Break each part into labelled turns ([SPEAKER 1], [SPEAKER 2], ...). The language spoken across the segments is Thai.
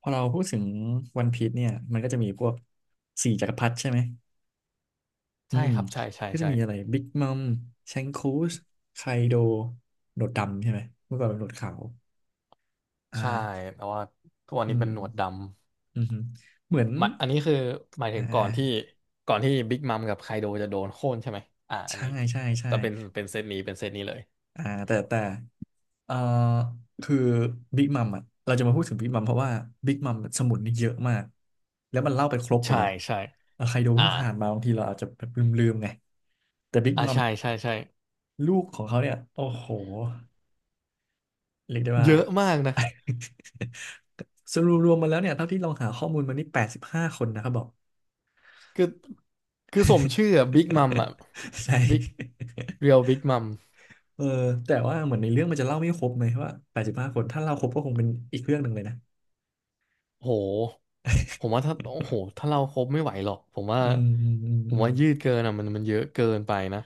[SPEAKER 1] พอเราพูดถึงวันพีซเนี่ยมันก็จะมีพวกสี่จักรพรรดิใช่ไหมอื
[SPEAKER 2] ใช่
[SPEAKER 1] ม
[SPEAKER 2] ครับใช่ใช่
[SPEAKER 1] ก็จะ
[SPEAKER 2] ใช่
[SPEAKER 1] มีอะไรบิ๊กมัมแชงคูสไคโดหนวดดำใช่ไหมเมื่อก่อนเป็นหนวดขาวอ่
[SPEAKER 2] ใช่
[SPEAKER 1] า
[SPEAKER 2] แต่ว่าทุกวัน
[SPEAKER 1] อื
[SPEAKER 2] นี้
[SPEAKER 1] ม
[SPEAKER 2] เป็น
[SPEAKER 1] อื
[SPEAKER 2] หน
[SPEAKER 1] ม
[SPEAKER 2] วดดำ
[SPEAKER 1] อืมฮึเหมือน
[SPEAKER 2] หมายอันนี้คือหมาย
[SPEAKER 1] อ่
[SPEAKER 2] ถึงก่อนที่
[SPEAKER 1] า
[SPEAKER 2] ก่อนที่บิ๊กมัมกับไคโดจะโดนโค่นใช่ไหมอัน
[SPEAKER 1] ใช่
[SPEAKER 2] นี้
[SPEAKER 1] ใช่ใช่
[SPEAKER 2] แต่เป็นเซตนี้เป็นเซตนี้เลย
[SPEAKER 1] อ่าแต่เอ่อคือบิ๊กมัมอ่ะเราจะมาพูดถึงบิ๊กมัมเพราะว่าบิ๊กมัมสมุนนี่เยอะมากแล้วมันเล่าไปครบหม
[SPEAKER 2] ใช่
[SPEAKER 1] ดแหละ
[SPEAKER 2] ใช่
[SPEAKER 1] แล้วไคโด
[SPEAKER 2] อ่า
[SPEAKER 1] เพิ่งผ่านมาบางทีเราอาจจะแบบลืมๆไงแต่บิ๊กมัม
[SPEAKER 2] ใช่
[SPEAKER 1] เนี่ย
[SPEAKER 2] ใช่ใช่
[SPEAKER 1] ลูกของเขาเนี่ยโอ้โหเรียกได้ว่า
[SPEAKER 2] เยอะมากนะ
[SPEAKER 1] สรุปรวมมาแล้วเนี่ยเท่าที่ลองหาข้อมูลมานี่แปดสิบห้าคนนะครับบอก
[SPEAKER 2] คือคือสมชื่ออะบิ๊กมัมอะ
[SPEAKER 1] ใช่
[SPEAKER 2] บิ๊กเรียลบิ๊กมัม
[SPEAKER 1] เออแต่ว่าเหมือนในเรื่องมันจะเล่าไม่ครบไหมว่าแปดสิบห้าคน ถ้าเล่าครบก็คงเป็นอีกเรื่องหนึ่งเลยนะ
[SPEAKER 2] โหผมว่าถ้าโอ้โหถ้าเราครบไม่ไหวหรอกผมว่า
[SPEAKER 1] อืมอืมอืม
[SPEAKER 2] ผ
[SPEAKER 1] อื
[SPEAKER 2] ม
[SPEAKER 1] ม
[SPEAKER 2] ว่ายืดเกินอะมันเยอะเกินไปนะ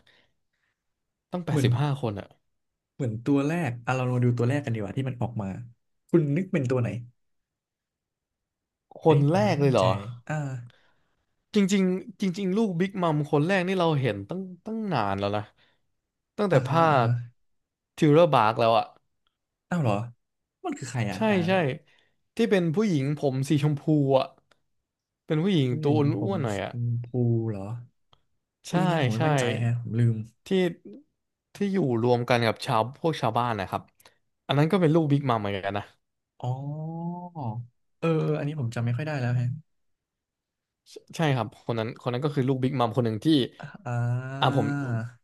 [SPEAKER 2] ต้องแป
[SPEAKER 1] เห
[SPEAKER 2] ด
[SPEAKER 1] มือน
[SPEAKER 2] สิบห้าคนอะ
[SPEAKER 1] เหมือนตัวแรกอ่ะเรามาดูตัวแรกกันดีกว่าที่มันออกมา คุณนึกเป็นตัวไหน
[SPEAKER 2] ค
[SPEAKER 1] อัน
[SPEAKER 2] น
[SPEAKER 1] นี้ผ
[SPEAKER 2] แร
[SPEAKER 1] มไม่
[SPEAKER 2] กเล
[SPEAKER 1] มั่น
[SPEAKER 2] ยเหร
[SPEAKER 1] ใจ
[SPEAKER 2] อ
[SPEAKER 1] อ่า
[SPEAKER 2] จริงๆจริงๆลูกบิ๊กมัมคนแรกนี่เราเห็นตั้งนานแล้วนะตั้งแต่
[SPEAKER 1] อ่าฮะ
[SPEAKER 2] ภา
[SPEAKER 1] อ่า
[SPEAKER 2] ค
[SPEAKER 1] ฮะ
[SPEAKER 2] ทิวเลอร์บาร์กแล้วอะ
[SPEAKER 1] อ้าวเหรอมันคือใครอ่ะ
[SPEAKER 2] ใช่
[SPEAKER 1] อ่า
[SPEAKER 2] ใช่ที่เป็นผู้หญิงผมสีชมพูอ่ะเป็นผู้หญิง
[SPEAKER 1] ผู้ห
[SPEAKER 2] ตั
[SPEAKER 1] ญิ
[SPEAKER 2] ว
[SPEAKER 1] งผ
[SPEAKER 2] อ้
[SPEAKER 1] ม
[SPEAKER 2] วนๆหน่อ
[SPEAKER 1] ช
[SPEAKER 2] ยอะ
[SPEAKER 1] มพูเหรออุ้
[SPEAKER 2] ใช่
[SPEAKER 1] ยนี่ผมไม่
[SPEAKER 2] ใช่
[SPEAKER 1] มั่นใจฮะผมลืม
[SPEAKER 2] ที่ที่อยู่รวมกันกับชาวพวกชาวบ้านนะครับอันนั้นก็เป็นลูกบิ๊กมัมเหมือนกันนะ
[SPEAKER 1] อ๋อเออเอออันนี้ผมจำไม่ค่อยได้แล้วฮะ
[SPEAKER 2] ใช่ครับคนนั้นคนนั้นก็คือลูกบิ๊กมัมคนหนึ่งที่
[SPEAKER 1] อ่
[SPEAKER 2] ผ
[SPEAKER 1] า
[SPEAKER 2] ม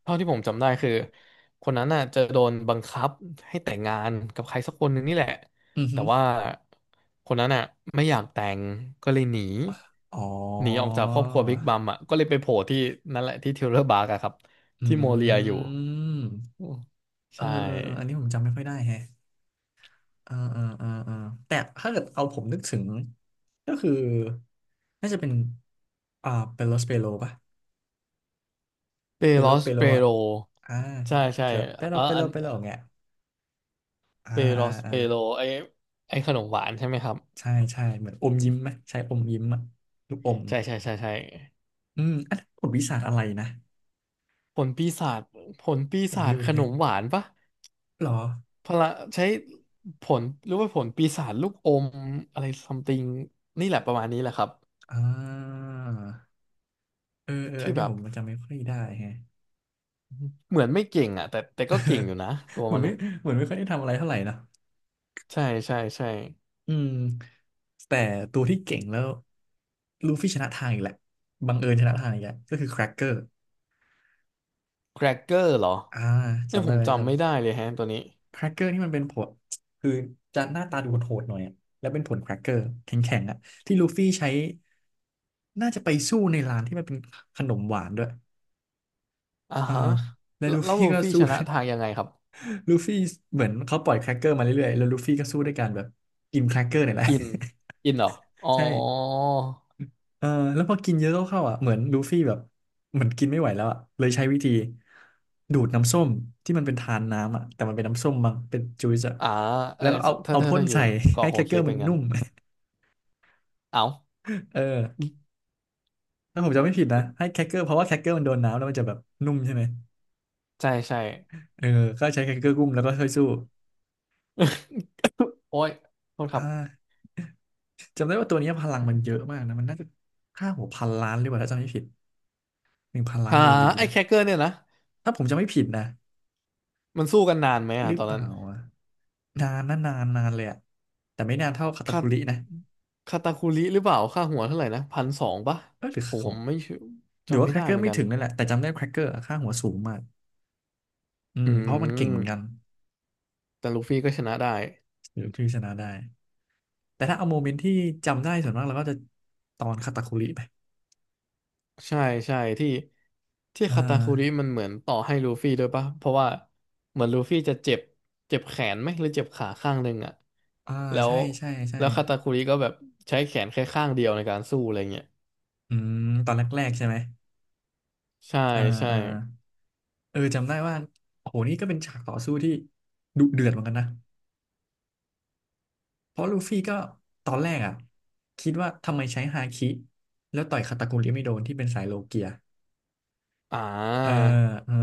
[SPEAKER 2] เท่าที่ผมจำได้คือคนนั้นน่ะจะโดนบังคับให้แต่งงานกับใครสักคนหนึ่งนี่แหละ
[SPEAKER 1] อือ
[SPEAKER 2] แต่
[SPEAKER 1] หือ
[SPEAKER 2] ว่าคนนั้นน่ะไม่อยากแต่งก็เลยหนี
[SPEAKER 1] อ๋อ
[SPEAKER 2] ออกจากครอบครัวบิ๊กมัมอ่ะก็เลยไปโผล่ที่นั่นแหละที่เทเลอร์บาร์กอะครับ
[SPEAKER 1] อื
[SPEAKER 2] ที่โมเรียอยู่
[SPEAKER 1] ม
[SPEAKER 2] อืม
[SPEAKER 1] เออ
[SPEAKER 2] ใช่
[SPEAKER 1] เออเอออันนี้ผมจำไม่ค่อยได้แฮะเออเออเออเออแต่ถ้าเกิดเอาผมนึกถึง ก็คือน่าจะเป็น อ่าเปโลสเปโลป่ะ
[SPEAKER 2] เป
[SPEAKER 1] เป
[SPEAKER 2] โร
[SPEAKER 1] โล
[SPEAKER 2] ส
[SPEAKER 1] เปโล
[SPEAKER 2] เป
[SPEAKER 1] อ่ะ
[SPEAKER 2] โร
[SPEAKER 1] อ่า
[SPEAKER 2] ใช่ใช่
[SPEAKER 1] แบบเปโลเปโล
[SPEAKER 2] อัน
[SPEAKER 1] เปโลอย่างเงี้ยอ่า
[SPEAKER 2] เปโร
[SPEAKER 1] อ่า
[SPEAKER 2] ส
[SPEAKER 1] อ่า
[SPEAKER 2] เปโรไอไอขนมหวานใช่ไหมครับ
[SPEAKER 1] ใช่ใช่เหมือนอมยิ้มไหมใช่อมยิ้มอะลูกอม
[SPEAKER 2] ใช่ใช่ใช่ใช่
[SPEAKER 1] อืมอันนั้นบทวิสาหอะไรนะ
[SPEAKER 2] ผลปีศาจผลปี
[SPEAKER 1] ผม
[SPEAKER 2] ศาจ
[SPEAKER 1] ลืม
[SPEAKER 2] ขน
[SPEAKER 1] แฮะ
[SPEAKER 2] มหวานปะ
[SPEAKER 1] หรอ
[SPEAKER 2] พละใช้ผลหรือว่าผลปีศาจลูกอมอะไรซัมติงนี่แหละประมาณนี้แหละครับ
[SPEAKER 1] อ่าเออเอออั
[SPEAKER 2] ที่
[SPEAKER 1] นนี้
[SPEAKER 2] แบ
[SPEAKER 1] ผ
[SPEAKER 2] บ
[SPEAKER 1] มจำไม่ค่อยได้แฮะ
[SPEAKER 2] เหมือนไม่เก่งอ่ะแต่ก็เก่งอยู่นะตัว
[SPEAKER 1] เหมือ
[SPEAKER 2] มั
[SPEAKER 1] น
[SPEAKER 2] น
[SPEAKER 1] ไม่
[SPEAKER 2] นะ
[SPEAKER 1] เหมือนไม่ค่อยได้ทำอะไรเท่าไหร่นะ
[SPEAKER 2] ใช่ใช่ใช่
[SPEAKER 1] อืมแต่ตัวที่เก่งแล้วลูฟี่ชนะทางอีกแหละบังเอิญชนะทางอีกแหละก็คือแครกเกอร์
[SPEAKER 2] แครกเกอร์เหรอ
[SPEAKER 1] อ่า
[SPEAKER 2] เนี่ย
[SPEAKER 1] จำ
[SPEAKER 2] ผ
[SPEAKER 1] ได้
[SPEAKER 2] ม
[SPEAKER 1] ไหม
[SPEAKER 2] จำไม่ได้
[SPEAKER 1] จำ
[SPEAKER 2] เลยแฮะตัวนี้
[SPEAKER 1] แครกเกอร์ที่มันเป็นผลคือจะหน้าตาดูโหดๆหน่อยอะแล้วเป็นผลแครกเกอร์แข็งๆอ่ะที่ลูฟี่ใช้น่าจะไปสู้ในร้านที่มันเป็นขนมหวานด้วย
[SPEAKER 2] อ่า
[SPEAKER 1] เออ
[SPEAKER 2] ฮะ
[SPEAKER 1] แล้ว
[SPEAKER 2] แล้ว
[SPEAKER 1] ลู
[SPEAKER 2] แล้ว
[SPEAKER 1] ฟี่
[SPEAKER 2] ลู
[SPEAKER 1] ก็
[SPEAKER 2] ฟี่
[SPEAKER 1] สู้
[SPEAKER 2] ชนะทาง ยังไงครับ
[SPEAKER 1] ลูฟี่เหมือนเขาปล่อยแครกเกอร์มาเรื่อยๆแล้วลูฟี่ก็สู้ด้วยการแบบกินแครกเกอร์เนี่ยแหละ
[SPEAKER 2] กินกินเหรออ๋อ
[SPEAKER 1] ใช่ เออแล้วพอกินเยอะเข้าๆอ่ะเหมือนลูฟี่แบบเหมือนกินไม่ไหวแล้วอ่ะเลยใช้วิธีดูดน้ำส้มที่มันเป็นทานน้ำอ่ะแต่มันเป็นน้ำส้มมั้งเป็นจูซอ่ะ
[SPEAKER 2] อ่าเอ
[SPEAKER 1] แล้
[SPEAKER 2] อ
[SPEAKER 1] วก็เอา
[SPEAKER 2] ถ้า
[SPEAKER 1] เอา
[SPEAKER 2] ถ้า
[SPEAKER 1] พ่น
[SPEAKER 2] ถ้าอยู่
[SPEAKER 1] ใส่ ให้
[SPEAKER 2] เกาะโฮ
[SPEAKER 1] แครกเกอ
[SPEAKER 2] เค้ก
[SPEAKER 1] ร์มั
[SPEAKER 2] เป็
[SPEAKER 1] น
[SPEAKER 2] นงั้
[SPEAKER 1] นุ่
[SPEAKER 2] น
[SPEAKER 1] ม
[SPEAKER 2] เอ้า
[SPEAKER 1] เออถ้าผมจำไม่ผิดนะให้แครกเกอร์เพราะว่าแครกเกอร์มันโดนน้ำแล้วมันจะแบบนุ่มใช่ไหม
[SPEAKER 2] ใช่ใช่
[SPEAKER 1] เออก็ใช้แครกเกอร์กุ้มแล้วก็ช่วยสู้
[SPEAKER 2] โอ้ยโทษค
[SPEAKER 1] อ่
[SPEAKER 2] รับ
[SPEAKER 1] าจำได้ว่าตัวนี้พลังมันเยอะมากนะมันน่าจะค่าหัวพันล้านหรือเปล่าถ้าจำไม่ผิดหนึ่งพันล้าน
[SPEAKER 2] หา
[SPEAKER 1] เบรี
[SPEAKER 2] ไอ้
[SPEAKER 1] นะ
[SPEAKER 2] แคคเกอร์เนี่ยนะ
[SPEAKER 1] ถ้าผมจำไม่ผิดนะ
[SPEAKER 2] มันสู้กันนานไหม
[SPEAKER 1] ห
[SPEAKER 2] อ่ะ
[SPEAKER 1] รือ
[SPEAKER 2] ตอน
[SPEAKER 1] เป
[SPEAKER 2] นั้
[SPEAKER 1] ล่า
[SPEAKER 2] น
[SPEAKER 1] อ่ะนานนะนานนานเลยอ่ะแต่ไม่นานเท่าคาตา
[SPEAKER 2] คา
[SPEAKER 1] คุรินะ
[SPEAKER 2] คาตาคุริหรือเปล่าค่าหัวเท่าไหร่นะพันสองปะ
[SPEAKER 1] เออหรือ
[SPEAKER 2] ผม
[SPEAKER 1] ข
[SPEAKER 2] ผ
[SPEAKER 1] อง
[SPEAKER 2] มไม่ชัวร์
[SPEAKER 1] หรือ
[SPEAKER 2] จำ
[SPEAKER 1] ว่า
[SPEAKER 2] ไม่
[SPEAKER 1] แคร
[SPEAKER 2] ได้
[SPEAKER 1] กเกอ
[SPEAKER 2] เห
[SPEAKER 1] ร์
[SPEAKER 2] มือน
[SPEAKER 1] ไม่
[SPEAKER 2] กัน
[SPEAKER 1] ถึงนั่นแหละแต่จำได้แครกเกอร์ค่าหัวสูงมากอื
[SPEAKER 2] อื
[SPEAKER 1] มเพราะมันเก่งเหมือนกัน
[SPEAKER 2] ม แต่ลูฟี่ก็ชนะได้
[SPEAKER 1] หรือที่ชนะได้แต่ถ้าเอาโมเมนต์ที่จำได้ส่วนมากเราก็จะตอนคาตาคุริไป
[SPEAKER 2] ใช่ใช่ที่
[SPEAKER 1] อ่า
[SPEAKER 2] คาตาคุริมันเหมือนต่อให้ลูฟี่ด้วยปะ เพราะว่าเหมือนลูฟี่จะเจ็บเจ็บแขนไหมหรือเจ็บขาข้างหนึ่งอ่ะ
[SPEAKER 1] อ่า
[SPEAKER 2] แล้ว
[SPEAKER 1] ใช่ใช่ใช่
[SPEAKER 2] แล้วคาตาคุริก็แบบใช้แขนแค่ข้างเดียวในการสู้อะไรเงี้ย
[SPEAKER 1] อืมตอนแรกๆใช่ไหม
[SPEAKER 2] ใช่
[SPEAKER 1] อ่า
[SPEAKER 2] ใช่
[SPEAKER 1] อ่าเออจำได้ว่าโอ้โหนี่ก็เป็นฉากต่อสู้ที่ดุเดือดเหมือนกันนะ เพราะลูฟี่ก็ตอนแรกอ่ะคิดว่าทำไมใช้ฮาคิแล้วต่อยคาตาคุริไม่โดนที่เป็นสายโลเกีย
[SPEAKER 2] อ่า
[SPEAKER 1] เออเออ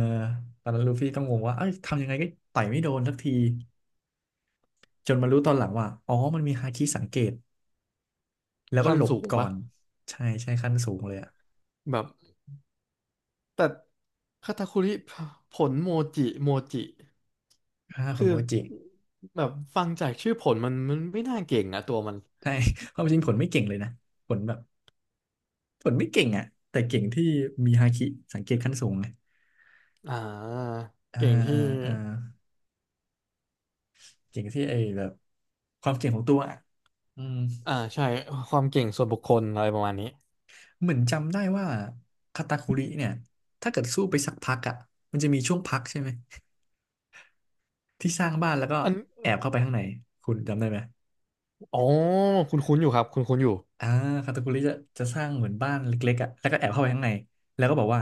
[SPEAKER 1] ตอนนั้นลูฟี่ก็งงว่าเอ้ยทำยังไงก็ต่อยไม่โดนสักทีจนมารู้ตอนหลังว่าอ๋อมันมีฮาคิสังเกตแล้วก็
[SPEAKER 2] ขั้น
[SPEAKER 1] หลบ
[SPEAKER 2] สูง
[SPEAKER 1] ก่อ
[SPEAKER 2] ปะ
[SPEAKER 1] นใช่ใช่ขั้นสูงเลยอ่ะ
[SPEAKER 2] แบบแต่คาตาคุริผลโมจิโมจิ
[SPEAKER 1] ฆ่าค
[SPEAKER 2] คื
[SPEAKER 1] น
[SPEAKER 2] อ
[SPEAKER 1] โมจิ
[SPEAKER 2] แบบฟังจากชื่อผลมันไม่น่าเก่งอะตัวมัน
[SPEAKER 1] ใช่ ความจริงผลไม่เก่งเลยนะผลแบบผลไม่เก่งอ่ะแต่เก่งที่มีฮาคิสังเกตขั้นสูงไง
[SPEAKER 2] อ่า
[SPEAKER 1] อ่า
[SPEAKER 2] เก่งที่
[SPEAKER 1] อ่าอ่าเก่งที่ไอ้แบบความเก่งของตัวอ่ะอืม
[SPEAKER 2] อ่าใช่ความเก่งส่วนบุคคลอะไรประมาณนี้
[SPEAKER 1] เหมือนจำได้ว่าคาตาคุริเนี่ยถ้าเกิดสู้ไปสักพักอ่ะมันจะมีช่วงพักใช่ไหมที่สร้างบ้านแล้วก็
[SPEAKER 2] อัน
[SPEAKER 1] แอบเข้าไปข้างในคุณจำได้ไหม
[SPEAKER 2] อ๋อคุณคุ้นๆอยู่ครับคุณคุ้นๆอยู่
[SPEAKER 1] อ่าคาตาคุริจะสร้างเหมือนบ้านเล็กๆอ่ะแล้วก็แอบเข้าไปข้างในแล้วก็บอกว่า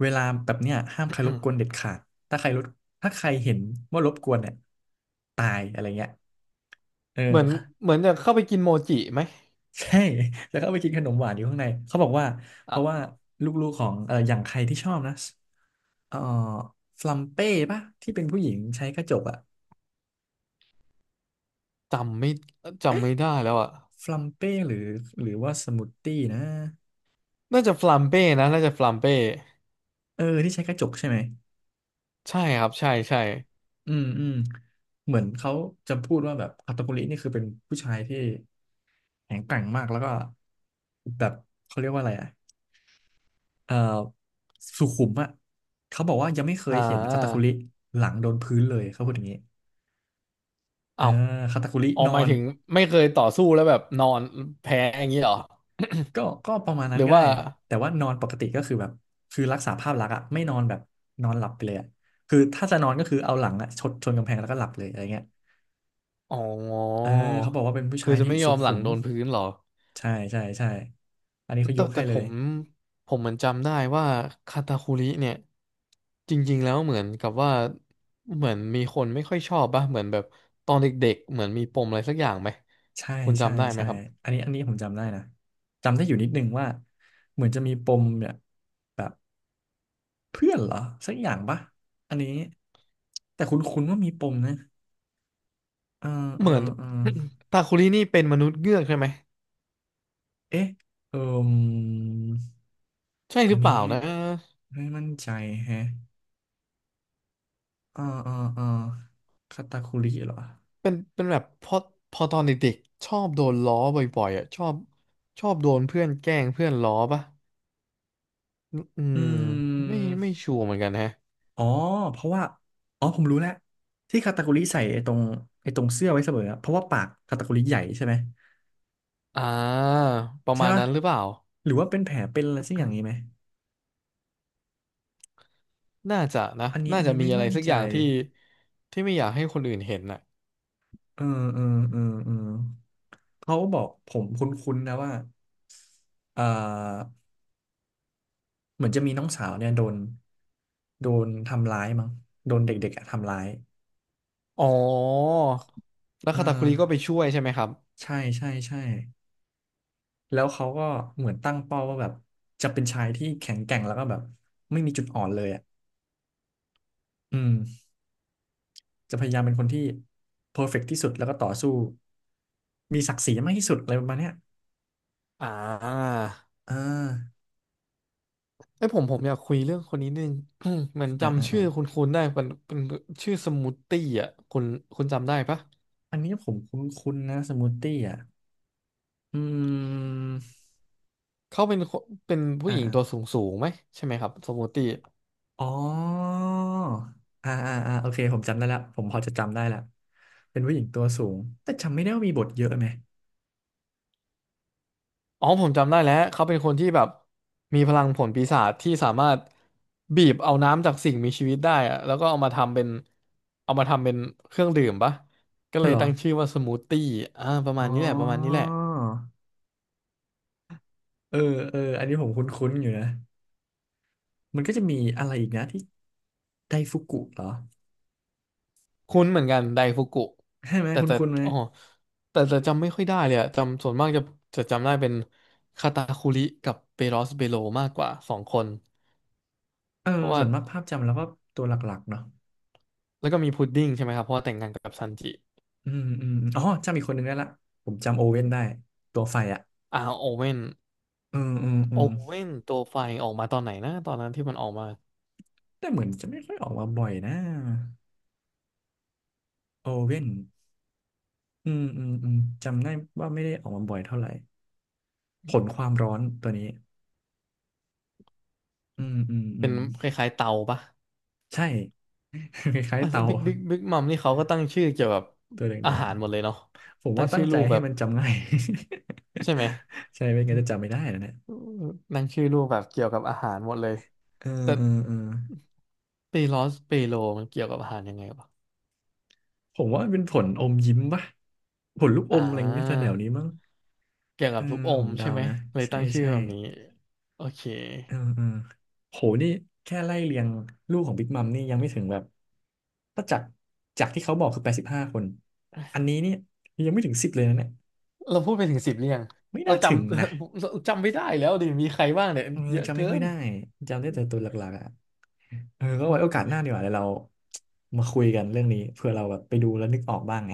[SPEAKER 1] เวลาแบบเนี้ยห้ามใครรบกวนเด็ดขาดถ้าใครรบถ้าใครเห็นว่ารบกวนเนี่ยตายอะไรเงี้ยเออ
[SPEAKER 2] เหมือนเหมือนจะเข้าไปกินโมจิไหม
[SPEAKER 1] ใช่ แล้วก็เอาไปกินขนมหวานอยู่ข้างในเขาบอกว่าเพ
[SPEAKER 2] อ่
[SPEAKER 1] ราะว่า
[SPEAKER 2] ะ
[SPEAKER 1] ลูกๆของอย่างใครที่ชอบนะเอ่อฟลัมเป้ปะที่เป็นผู้หญิงใช้กระจกอะ
[SPEAKER 2] จำไม่จำ
[SPEAKER 1] เอ๊ะ
[SPEAKER 2] ไม่ได้แล้วอ่ะ
[SPEAKER 1] ฟลัมเป้หรือหรือว่าสมูทตี้นะ
[SPEAKER 2] น่าจะฟลัมเป้นะน่าจะฟลัมเป้
[SPEAKER 1] เออที่ใช้กระจกใช่ไหม
[SPEAKER 2] ใช่ครับใช่ใช่
[SPEAKER 1] อืมอืมเหมือนเขาจะพูดว่าแบบคาตากุรินี่คือเป็นผู้ชายที่แข็งแกร่งมากแล้วก็แบบเขาเรียกว่าอะไรอะเอ่อสุขุมอ่ะเขาบอกว่ายังไม่เค
[SPEAKER 2] อ่
[SPEAKER 1] ยเห็นคาตาคุ
[SPEAKER 2] า
[SPEAKER 1] ริหลังโดนพื้นเลยเขาพูดอย่างนี้
[SPEAKER 2] เอ้า
[SPEAKER 1] อ่าคาตาคุริ
[SPEAKER 2] ออก
[SPEAKER 1] นอ
[SPEAKER 2] หมาย
[SPEAKER 1] น
[SPEAKER 2] ถึงไม่เคยต่อสู้แล้วแบบนอนแพ้อย่างนี้เหรอ
[SPEAKER 1] ก็ก็ประมาณ
[SPEAKER 2] ห
[SPEAKER 1] นั้
[SPEAKER 2] รื
[SPEAKER 1] น
[SPEAKER 2] อ
[SPEAKER 1] ก็
[SPEAKER 2] ว่า
[SPEAKER 1] ได้แต่ว่านอนปกติก็คือแบบคือรักษาภาพลักษณ์อะไม่นอนแบบนอนหลับไปเลยอะคือถ้าจะนอนก็คือเอาหลังอะชนกำแพงแล้วก็หลับเลยอะไรเงี้ย
[SPEAKER 2] อ๋
[SPEAKER 1] เออ
[SPEAKER 2] อ
[SPEAKER 1] เขาบอกว่าเป็นผู้
[SPEAKER 2] คื
[SPEAKER 1] ชา
[SPEAKER 2] อ
[SPEAKER 1] ย
[SPEAKER 2] จะ
[SPEAKER 1] ที่
[SPEAKER 2] ไม่ย
[SPEAKER 1] สุ
[SPEAKER 2] อมห
[SPEAKER 1] ขุ
[SPEAKER 2] ลัง
[SPEAKER 1] ม
[SPEAKER 2] โดนพื้นเหรอ
[SPEAKER 1] ใช่ใช่ใช่อันนี้เขาย
[SPEAKER 2] แต่
[SPEAKER 1] ก
[SPEAKER 2] แต่
[SPEAKER 1] ให้เล
[SPEAKER 2] ผ
[SPEAKER 1] ย
[SPEAKER 2] มผมเหมือนจำได้ว่าคาตาคุริเนี่ยจริงๆแล้วเหมือนกับว่าเหมือนมีคนไม่ค่อยชอบป่ะเหมือนแบบตอนเด็กๆเหมือนมีปมอะไรสักอย่างไหม
[SPEAKER 1] ใช่
[SPEAKER 2] คุณ
[SPEAKER 1] ใช่
[SPEAKER 2] จำได้ไหม
[SPEAKER 1] ใช่
[SPEAKER 2] ครับ
[SPEAKER 1] อันนี้อันนี้ผมจำได้นะจำได้อยู่นิดนึงว่าเหมือนจะมีปมเนี่ยแบบเพื่อนเหรอสักอย่างปะอันนี้แต่คุ้นๆว่ามีปมนะเออเอ
[SPEAKER 2] เหมือน
[SPEAKER 1] อเออ
[SPEAKER 2] ตาคุรินี่เป็นมนุษย์เงือกใช่ไหม
[SPEAKER 1] เอ๊ะเอ่ม
[SPEAKER 2] ใช่
[SPEAKER 1] อั
[SPEAKER 2] ห
[SPEAKER 1] น
[SPEAKER 2] รือเป
[SPEAKER 1] นี้
[SPEAKER 2] ล่านะ
[SPEAKER 1] ไม่มั่นใจแฮะอ่าอ่าอ่าคาตาคุริเหรอ
[SPEAKER 2] เป็นเป็นแบบพอตอนเด็กๆชอบโดนล้อบ่อยๆอ่ะชอบโดนเพื่อนแกล้งเพื่อนล้อปะอื
[SPEAKER 1] อื
[SPEAKER 2] มไม่
[SPEAKER 1] ม
[SPEAKER 2] ไม่ชัวร์เหมือนกันฮะ
[SPEAKER 1] อ๋อเพราะว่าอ๋อผมรู้แล้วที่คาตาคุริใส่ไอ้ตรงไอ้ตรงเสื้อไว้เสมออะเพราะว่าปากคาตาคุริใหญ่ใช่ไหม
[SPEAKER 2] อ่าประ
[SPEAKER 1] ใช่
[SPEAKER 2] มาณ
[SPEAKER 1] ปะ
[SPEAKER 2] นั้นหรือเปล่า
[SPEAKER 1] หรือว่าเป็นแผลเป็นอะไรสักอย่างนี้ไหม
[SPEAKER 2] น่าจะนะ
[SPEAKER 1] อันนี้
[SPEAKER 2] น่า
[SPEAKER 1] อัน
[SPEAKER 2] จะ
[SPEAKER 1] นี้
[SPEAKER 2] มี
[SPEAKER 1] ไม่
[SPEAKER 2] อะไร
[SPEAKER 1] มั่น
[SPEAKER 2] สัก
[SPEAKER 1] ใจ
[SPEAKER 2] อย่างที่ไม่อยากให้คนอื่นเห็นน่ะ
[SPEAKER 1] เออเออเออเออเขาบอกผมคุ้นๆนะว่าเอ่อ เหมือนจะมีน้องสาวเนี่ยโดน โดนทำร้ายมั้ง โดนเด็กๆอะทำร้าย
[SPEAKER 2] อ๋อแล้ว
[SPEAKER 1] เออ
[SPEAKER 2] คาตาคุริก็ไปช่วยใช่ไหมครับ
[SPEAKER 1] ใช่ใช่ใช่แล้วเขาก็เหมือนตั้งเป้าว่าแบบจะเป็นชายที่แข็งแกร่งแล้วก็แบบไม่มีจุดอ่อนเลยอ่ะอืมจะพยายามเป็นคนที่เพอร์เฟกต์ที่สุดแล้วก็ต่อสู้มีศักดิ์ศรีมากที่สุดอะไรประมาณเนี้ย
[SPEAKER 2] อ่า
[SPEAKER 1] อ่า
[SPEAKER 2] ไอยผมอยากคุยเรื่องคนนี้นึง เหมือน
[SPEAKER 1] อ่าอ่า
[SPEAKER 2] จำชื่
[SPEAKER 1] อา
[SPEAKER 2] อคุณได้เป็นเป็นชื่อสมูทตี้อ่ะคุณจำได้ปะ
[SPEAKER 1] อันนี้ผมคุ้นๆนะสมูทตี้อ่ะอืม
[SPEAKER 2] เขาเป็นคนเป็นผู้หญิงตัว
[SPEAKER 1] อ่า
[SPEAKER 2] สูงสูงไหมใช่ไหมครับสมูตี้
[SPEAKER 1] อ๋อโอเคผมจำได้แล้วผมพอจะจำได้แล้วเป็นผู้หญิงตัวสูง แต่จำไม่ได้ว่ามีบทเยอะไหม
[SPEAKER 2] อ๋อผมจำได้แล้วเขาเป็นคนที่แบบมีพลังผลปีศาจที่สามารถบีบเอาน้ำจากสิ่งมีชีวิตได้อะแล้วก็เอามาทำเป็นเอามาทำเป็นเครื่องดื่มปะก็เล
[SPEAKER 1] เห
[SPEAKER 2] ย
[SPEAKER 1] รอ
[SPEAKER 2] ตั้งชื่อว่าสมูทตี้อ่าประ
[SPEAKER 1] อ๋
[SPEAKER 2] มาณ
[SPEAKER 1] อ
[SPEAKER 2] นี้แหละประมาณนี้แหละ
[SPEAKER 1] เออเอออันนี้ผมคุ้นๆอยู่นะมันก็จะมีอะไรอีกนะที่ไดฟุกุเหรอ
[SPEAKER 2] คุ้นเหมือนกันไดฟุกุ
[SPEAKER 1] ใช่ไหม
[SPEAKER 2] แต่แต่
[SPEAKER 1] คุ้นๆไหม
[SPEAKER 2] อ๋อแต่จะจำไม่ค่อยได้เลยอะจำส่วนมากจะจำได้เป็นคาตาคุริกับเปโรสเบโลมากกว่า2 คน
[SPEAKER 1] เออ
[SPEAKER 2] เพราะว่า
[SPEAKER 1] ส่วนมากภาพจำแล้วก็ตัวหลักๆเนาะ
[SPEAKER 2] แล้วก็มีพุดดิ้งใช่ไหมครับเพราะว่าแต่งงานกับซันจิ
[SPEAKER 1] อืมอืมอ๋อจำอีกคนหนึ่งได้ละผมจำโอ
[SPEAKER 2] อื
[SPEAKER 1] เว่น
[SPEAKER 2] ม
[SPEAKER 1] ได้ตัวไฟอ่ะ
[SPEAKER 2] อ่าโอเว่น
[SPEAKER 1] อืมอืมอื
[SPEAKER 2] โอ
[SPEAKER 1] ม
[SPEAKER 2] เว่นตัวไฟออกมาตอนไหนนะตอนนั้นที่มันออกมา
[SPEAKER 1] แต่เหมือนจะไม่ค่อยออกมาบ่อยนะโอเว่น อืมอืมอืมจำได้ว่าไม่ได้ออกมาบ่อยเท่าไหร่ผลความร้อนตัวนี้อืมอืมอื
[SPEAKER 2] เป็น
[SPEAKER 1] ม
[SPEAKER 2] คล้ายๆเตาปะ
[SPEAKER 1] ใช่ คล้ายๆเตา
[SPEAKER 2] บิ๊กมัม นี่เขาก็ตั้งชื่อเกี่ยวกับ
[SPEAKER 1] ตัว
[SPEAKER 2] อา
[SPEAKER 1] แดง
[SPEAKER 2] หารหมดเลยเนาะ
[SPEAKER 1] ๆผม
[SPEAKER 2] ตั้ง
[SPEAKER 1] ว่าตั้
[SPEAKER 2] ชื่
[SPEAKER 1] ง
[SPEAKER 2] อ
[SPEAKER 1] ใจ
[SPEAKER 2] ลูก
[SPEAKER 1] ให้
[SPEAKER 2] แบบ
[SPEAKER 1] มันจำง่าย
[SPEAKER 2] ใช่ไหม
[SPEAKER 1] ใช่ไม่งั้นจะจำไม่ได้นะเนี่ย
[SPEAKER 2] ตั้งชื่อลูกแบบเกี่ยวกับอาหารหมดเลย
[SPEAKER 1] เออ
[SPEAKER 2] แต่
[SPEAKER 1] เออเออ
[SPEAKER 2] เปโลสเปโลมันเกี่ยวกับอาหารยังไงวะ
[SPEAKER 1] ผมว่ามันเป็นผลอมยิ้มปะผลลูกอ
[SPEAKER 2] อ่
[SPEAKER 1] มอะไรอย่างเงี้ยแถ
[SPEAKER 2] า
[SPEAKER 1] วๆนี้มั้ง
[SPEAKER 2] เกี่ยว
[SPEAKER 1] เอ
[SPEAKER 2] กั
[SPEAKER 1] อ
[SPEAKER 2] บลูกอ
[SPEAKER 1] ผ
[SPEAKER 2] ม
[SPEAKER 1] มเดา
[SPEAKER 2] ใช่ไหม
[SPEAKER 1] นะ
[SPEAKER 2] เลย
[SPEAKER 1] ใช่
[SPEAKER 2] ตั้งชื่อ
[SPEAKER 1] ใช่
[SPEAKER 2] แบบนี้โอเค
[SPEAKER 1] เออเออโหนี่แค่ไล่เรียงลูกของบิ๊กมัมนี่ยังไม่ถึงแบบถ้าจากจากที่เขาบอกคือ85คนอันนี้เนี่ยยังไม่ถึงสิบเลยนะเนี่ย
[SPEAKER 2] เราพูดไปถึง10หรือยัง
[SPEAKER 1] ไม่
[SPEAKER 2] เรา
[SPEAKER 1] น่าถึง
[SPEAKER 2] จำ
[SPEAKER 1] นะ
[SPEAKER 2] เราจำไม่ได้แล้วดิ มีใครบ้างเนี่ย
[SPEAKER 1] เออ
[SPEAKER 2] เยอะ
[SPEAKER 1] จำไม่
[SPEAKER 2] เกิ
[SPEAKER 1] ค่อย
[SPEAKER 2] น
[SPEAKER 1] ได้จำได้แต่ตัวหลักๆอ่ะเออก็ไว้โอกาสหน้าดีกว่าเดี๋ยวเรามาคุยกันเรื่องนี้เผื่อเราแบบไปดูแล้วนึกออกบ้างไง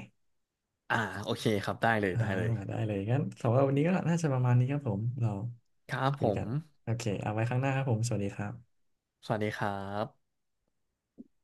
[SPEAKER 2] อ่าโอเคครับได้เลย
[SPEAKER 1] อ่า
[SPEAKER 2] ได้เลย
[SPEAKER 1] ได้เลยงั้นสำหรับวันนี้ก็น่าจะประมาณนี้ครับผมเรา
[SPEAKER 2] ครับ
[SPEAKER 1] คุ
[SPEAKER 2] ผ
[SPEAKER 1] ยกั
[SPEAKER 2] ม
[SPEAKER 1] นโอเคเอาไว้ข้างหน้าครับผมสวัสดีครับ
[SPEAKER 2] สวัสดีครับ